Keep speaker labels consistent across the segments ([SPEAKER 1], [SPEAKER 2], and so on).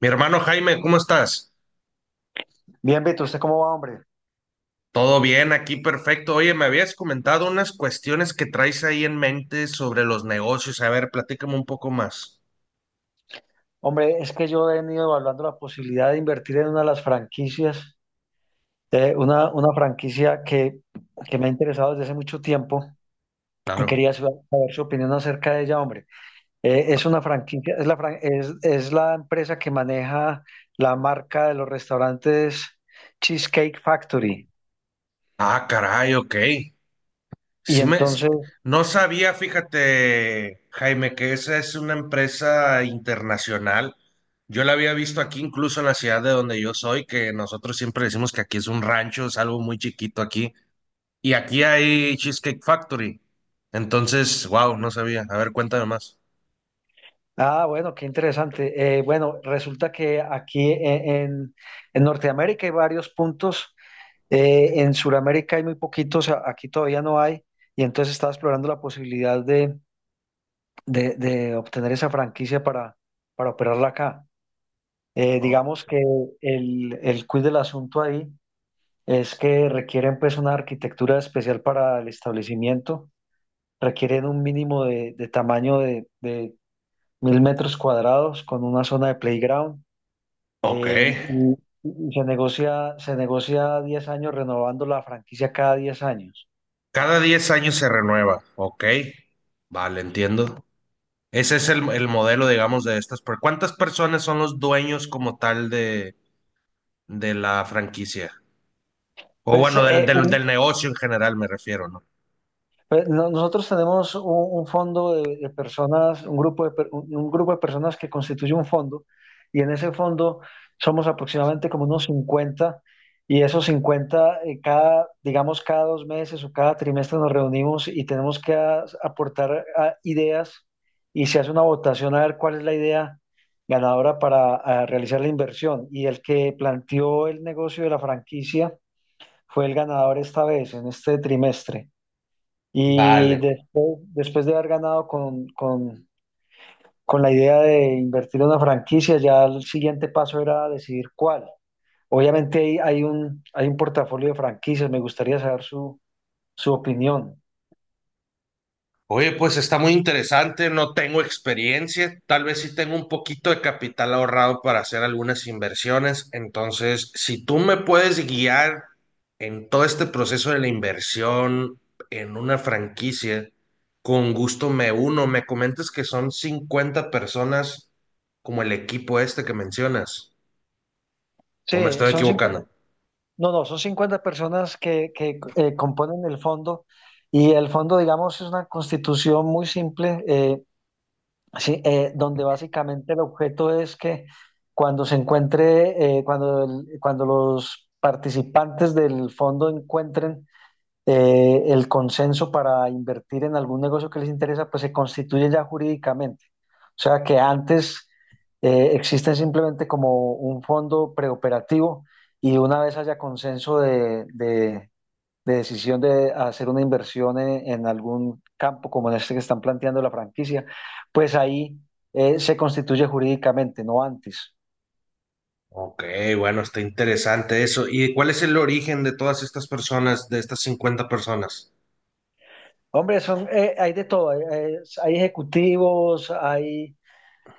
[SPEAKER 1] Mi hermano Jaime, ¿cómo estás?
[SPEAKER 2] Bien, Beto, ¿usted cómo va, hombre?
[SPEAKER 1] Todo bien, aquí perfecto. Oye, me habías comentado unas cuestiones que traes ahí en mente sobre los negocios. A ver, platícame un poco más.
[SPEAKER 2] Hombre, es que yo he venido evaluando la posibilidad de invertir en una de las franquicias, una franquicia que me ha interesado desde hace mucho tiempo y
[SPEAKER 1] Claro.
[SPEAKER 2] quería saber su opinión acerca de ella, hombre. Es una franquicia, es la empresa que maneja la marca de los restaurantes Cheesecake Factory.
[SPEAKER 1] Ah, caray, ok.
[SPEAKER 2] Y
[SPEAKER 1] Sí me...
[SPEAKER 2] entonces,
[SPEAKER 1] No sabía, fíjate, Jaime, que esa es una empresa internacional. Yo la había visto aquí, incluso en la ciudad de donde yo soy, que nosotros siempre decimos que aquí es un rancho, es algo muy chiquito aquí. Y aquí hay Cheesecake Factory. Entonces, wow, no sabía. A ver, cuéntame más.
[SPEAKER 2] ah, bueno, qué interesante. Bueno, resulta que aquí en Norteamérica hay varios puntos. En Sudamérica hay muy poquitos, aquí todavía no hay, y entonces estaba explorando la posibilidad de obtener esa franquicia para operarla acá.
[SPEAKER 1] Oh,
[SPEAKER 2] Digamos que el quid del asunto ahí es que requieren pues una arquitectura especial para el establecimiento, requieren un mínimo de tamaño de 1.000 metros cuadrados con una zona de playground,
[SPEAKER 1] ok.
[SPEAKER 2] eh, y, y se negocia 10 años renovando la franquicia cada 10 años.
[SPEAKER 1] Cada 10 años se renueva. Ok. Vale, entiendo. Ese es el modelo, digamos, de estas. ¿Cuántas personas son los dueños como tal de la franquicia? O
[SPEAKER 2] Pues,
[SPEAKER 1] bueno, del, del, del negocio en general me refiero, ¿no?
[SPEAKER 2] nosotros tenemos un fondo de personas, un grupo de personas que constituye un fondo y en ese fondo somos aproximadamente como unos 50, y esos 50 cada, digamos, cada 2 meses o cada trimestre nos reunimos y tenemos que aportar ideas y se hace una votación a ver cuál es la idea ganadora para realizar la inversión y el que planteó el negocio de la franquicia fue el ganador esta vez, en este trimestre. Y
[SPEAKER 1] Vale.
[SPEAKER 2] después, de haber ganado con la idea de invertir en una franquicia, ya el siguiente paso era decidir cuál. Obviamente hay un portafolio de franquicias, me gustaría saber su opinión.
[SPEAKER 1] Oye, pues está muy interesante, no tengo experiencia, tal vez sí tengo un poquito de capital ahorrado para hacer algunas inversiones, entonces si tú me puedes guiar en todo este proceso de la inversión en una franquicia, con gusto me uno, me comentas que son 50 personas como el equipo este que mencionas, o me
[SPEAKER 2] Sí,
[SPEAKER 1] estoy
[SPEAKER 2] son 50,
[SPEAKER 1] equivocando.
[SPEAKER 2] no, no, son 50 personas que componen el fondo y el fondo, digamos, es una constitución muy simple. Sí, donde básicamente el objeto es que cuando se encuentre, cuando los participantes del fondo encuentren el consenso para invertir en algún negocio que les interesa, pues se constituye ya jurídicamente. O sea que antes existen simplemente como un fondo preoperativo y una vez haya consenso de decisión de hacer una inversión en algún campo como en este que están planteando la franquicia, pues ahí se constituye jurídicamente, no antes.
[SPEAKER 1] Ok, bueno, está interesante eso. ¿Y cuál es el origen de todas estas personas, de estas 50 personas?
[SPEAKER 2] Hombre, son, hay de todo, hay ejecutivos, hay,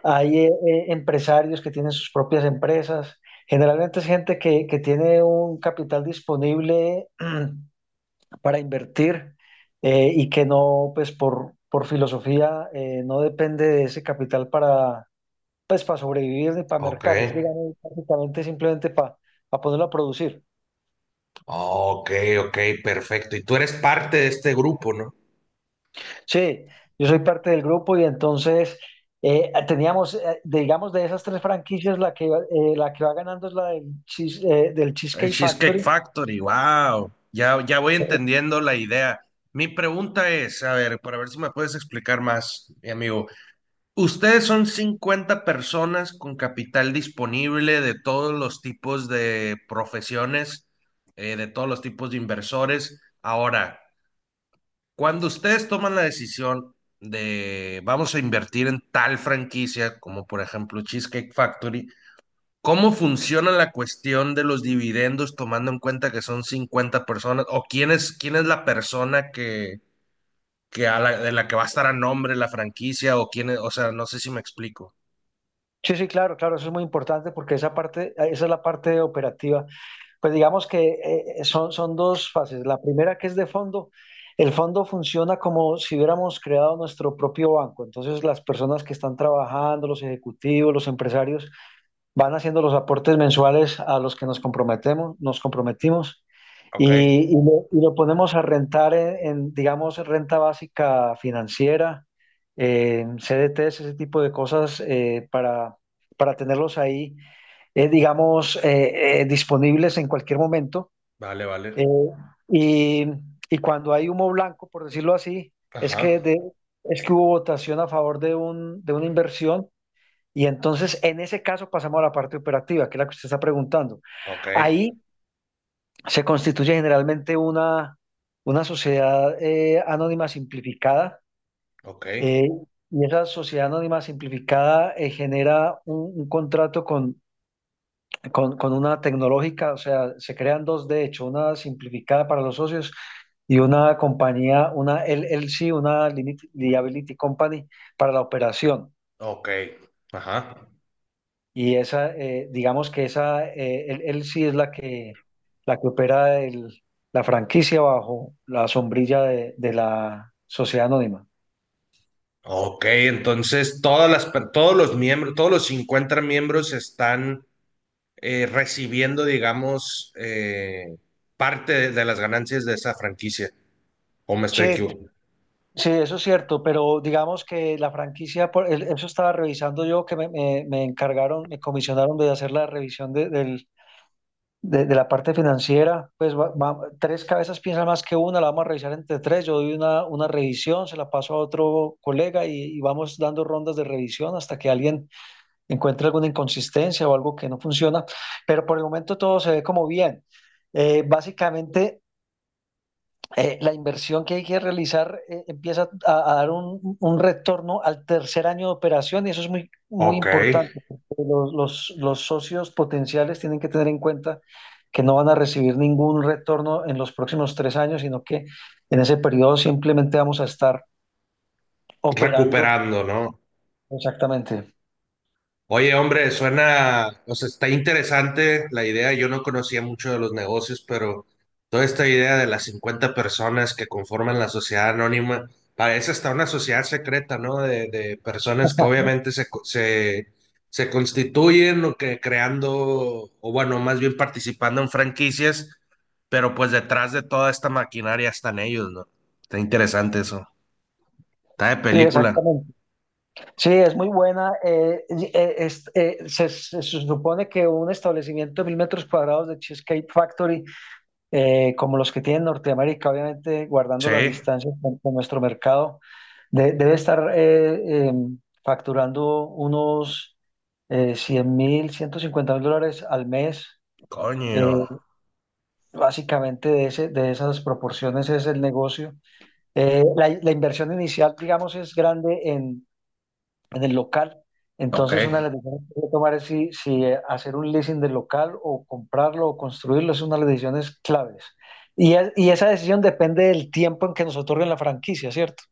[SPEAKER 2] hay empresarios que tienen sus propias empresas, generalmente es gente que tiene un capital disponible para invertir y que no, pues por filosofía, no depende de ese capital para pues para sobrevivir ni para
[SPEAKER 1] Ok.
[SPEAKER 2] mercar, es digamos prácticamente simplemente para ponerlo a producir.
[SPEAKER 1] Ok, ok, perfecto. Y tú eres parte de este grupo, ¿no?
[SPEAKER 2] Sí, yo soy parte del grupo y entonces teníamos, digamos, de esas tres franquicias, la que va ganando es la del
[SPEAKER 1] El
[SPEAKER 2] Cheesecake
[SPEAKER 1] Cheesecake
[SPEAKER 2] Factory.
[SPEAKER 1] Factory, wow. Ya, ya voy entendiendo la idea. Mi pregunta es, a ver, para ver si me puedes explicar más, mi amigo. Ustedes son 50 personas con capital disponible de todos los tipos de profesiones, de todos los tipos de inversores. Ahora, cuando ustedes toman la decisión de vamos a invertir en tal franquicia, como por ejemplo Cheesecake Factory, ¿cómo funciona la cuestión de los dividendos tomando en cuenta que son 50 personas? ¿O quién es la persona que, de la que va a estar a nombre la franquicia? ¿O quién es? O sea, no sé si me explico.
[SPEAKER 2] Sí, sí, claro, claro, eso es muy importante porque esa parte, esa es la parte operativa. Pues digamos que son dos fases. La primera que es de fondo, el fondo funciona como si hubiéramos creado nuestro propio banco. Entonces las personas que están trabajando, los ejecutivos, los empresarios, van haciendo los aportes mensuales a los que nos comprometemos, nos comprometimos,
[SPEAKER 1] Ok,
[SPEAKER 2] y, y lo ponemos a rentar en, digamos, renta básica financiera, en CDTs, ese tipo de cosas para tenerlos ahí, disponibles en cualquier momento.
[SPEAKER 1] vale, vale.
[SPEAKER 2] eh, y, y cuando hay humo blanco, por decirlo así, es
[SPEAKER 1] Ajá,
[SPEAKER 2] que, de, es que hubo votación a favor de una inversión y entonces, en ese caso, pasamos a la parte operativa, que es la que usted está preguntando.
[SPEAKER 1] ok,
[SPEAKER 2] Ahí se constituye generalmente una sociedad anónima simplificada.
[SPEAKER 1] ok,
[SPEAKER 2] eh, y esa sociedad anónima simplificada genera un contrato con una tecnológica, o sea, se crean dos de hecho, una simplificada para los socios y una compañía, una LLC, una Liability Company para la operación.
[SPEAKER 1] ok, ajá.
[SPEAKER 2] Y esa, digamos que esa, él sí es la que opera la franquicia bajo la sombrilla de la sociedad anónima.
[SPEAKER 1] Ok, entonces todas todos los miembros, todos los 50 miembros están recibiendo, digamos, parte de las ganancias de esa franquicia. ¿O me
[SPEAKER 2] Sí,
[SPEAKER 1] estoy equivocando?
[SPEAKER 2] sí, eso es cierto, pero digamos que la franquicia, eso estaba revisando yo, que me encargaron, me comisionaron de hacer la revisión de la parte financiera, pues tres cabezas piensan más que una, la vamos a revisar entre tres, yo doy una revisión, se la paso a otro colega y vamos dando rondas de revisión hasta que alguien encuentra alguna inconsistencia o algo que no funciona, pero por el momento todo se ve como bien. Básicamente, la inversión que hay que realizar empieza a dar un retorno al tercer año de operación y eso es muy, muy
[SPEAKER 1] Ok,
[SPEAKER 2] importante, porque los socios potenciales tienen que tener en cuenta que no van a recibir ningún retorno en los próximos 3 años, sino que en ese periodo simplemente vamos a estar operando.
[SPEAKER 1] recuperando, ¿no?
[SPEAKER 2] Exactamente.
[SPEAKER 1] Oye, hombre, suena, o sea, está interesante la idea. Yo no conocía mucho de los negocios, pero toda esta idea de las 50 personas que conforman la sociedad anónima, parece hasta una sociedad secreta, ¿no? De personas que obviamente se, se constituyen o que creando, o bueno, más bien participando en franquicias, pero pues detrás de toda esta maquinaria están ellos, ¿no? Está interesante eso. Está de
[SPEAKER 2] Sí,
[SPEAKER 1] película.
[SPEAKER 2] exactamente. Sí, es muy buena. Se supone que un establecimiento de 1.000 metros cuadrados de Cheesecake Factory, como los que tiene en Norteamérica, obviamente guardando
[SPEAKER 1] Sí.
[SPEAKER 2] las distancias con nuestro mercado, debe estar facturando unos 100 mil, 150.000 dólares al mes.
[SPEAKER 1] Coño.
[SPEAKER 2] Eh, Básicamente de esas proporciones es el negocio. La inversión inicial, digamos, es grande en el local.
[SPEAKER 1] Ok.
[SPEAKER 2] Entonces, una de las decisiones que hay que tomar es si, hacer un leasing del local o comprarlo o construirlo, es una de las decisiones claves. Y esa decisión depende del tiempo en que nos otorguen la franquicia, ¿cierto?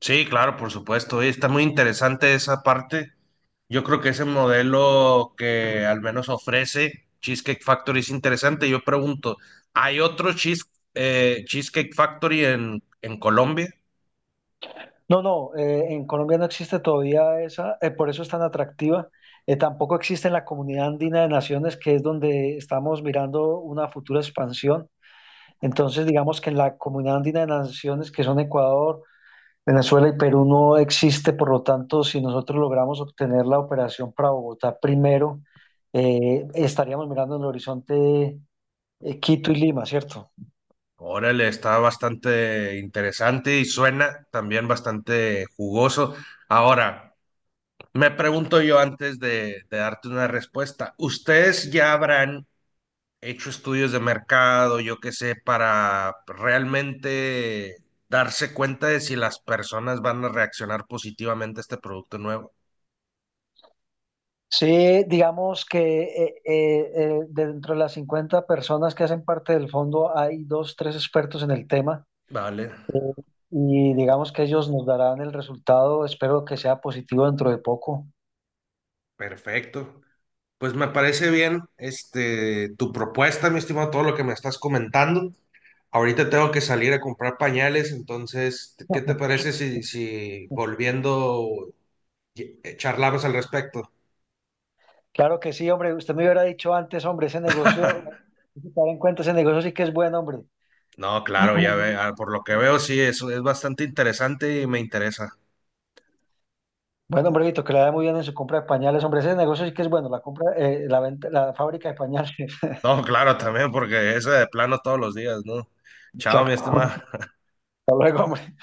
[SPEAKER 1] Sí, claro, por supuesto. Oye, está muy interesante esa parte. Yo creo que ese modelo que al menos ofrece Cheesecake Factory es interesante. Yo pregunto, ¿hay otro cheese- ¿Cheesecake Factory en Colombia?
[SPEAKER 2] No, no, en Colombia no existe todavía esa, por eso es tan atractiva. Tampoco existe en la comunidad andina de naciones, que es donde estamos mirando una futura expansión. Entonces, digamos que en la comunidad andina de naciones, que son Ecuador, Venezuela y Perú no existe, por lo tanto, si nosotros logramos obtener la operación para Bogotá primero, estaríamos mirando en el horizonte Quito y Lima, ¿cierto?
[SPEAKER 1] Órale, está bastante interesante y suena también bastante jugoso. Ahora, me pregunto yo antes de darte una respuesta, ¿ustedes ya habrán hecho estudios de mercado, yo qué sé, para realmente darse cuenta de si las personas van a reaccionar positivamente a este producto nuevo?
[SPEAKER 2] Sí, digamos que dentro de las 50 personas que hacen parte del fondo hay dos, tres expertos en el tema
[SPEAKER 1] Vale,
[SPEAKER 2] y digamos que ellos nos darán el resultado, espero que sea positivo dentro de poco.
[SPEAKER 1] perfecto. Pues me parece bien, este, tu propuesta, mi estimado, todo lo que me estás comentando. Ahorita tengo que salir a comprar pañales, entonces, ¿qué te parece si, si volviendo charlamos al respecto?
[SPEAKER 2] Claro que sí, hombre, usted me hubiera dicho antes, hombre, ese negocio, hay que tener en cuenta, ese negocio sí que es bueno, hombre.
[SPEAKER 1] No, claro, ya ve, ah, por lo que veo, sí, eso es bastante interesante y me interesa.
[SPEAKER 2] Bueno, hombre, Vito, que le da muy bien en su compra de pañales. Hombre, ese negocio sí que es bueno, la compra, la venta, la fábrica de pañales.
[SPEAKER 1] No, claro, también, porque ese de plano todos los días, ¿no? Chao, mi estimado.
[SPEAKER 2] Exacto. Hasta luego, hombre.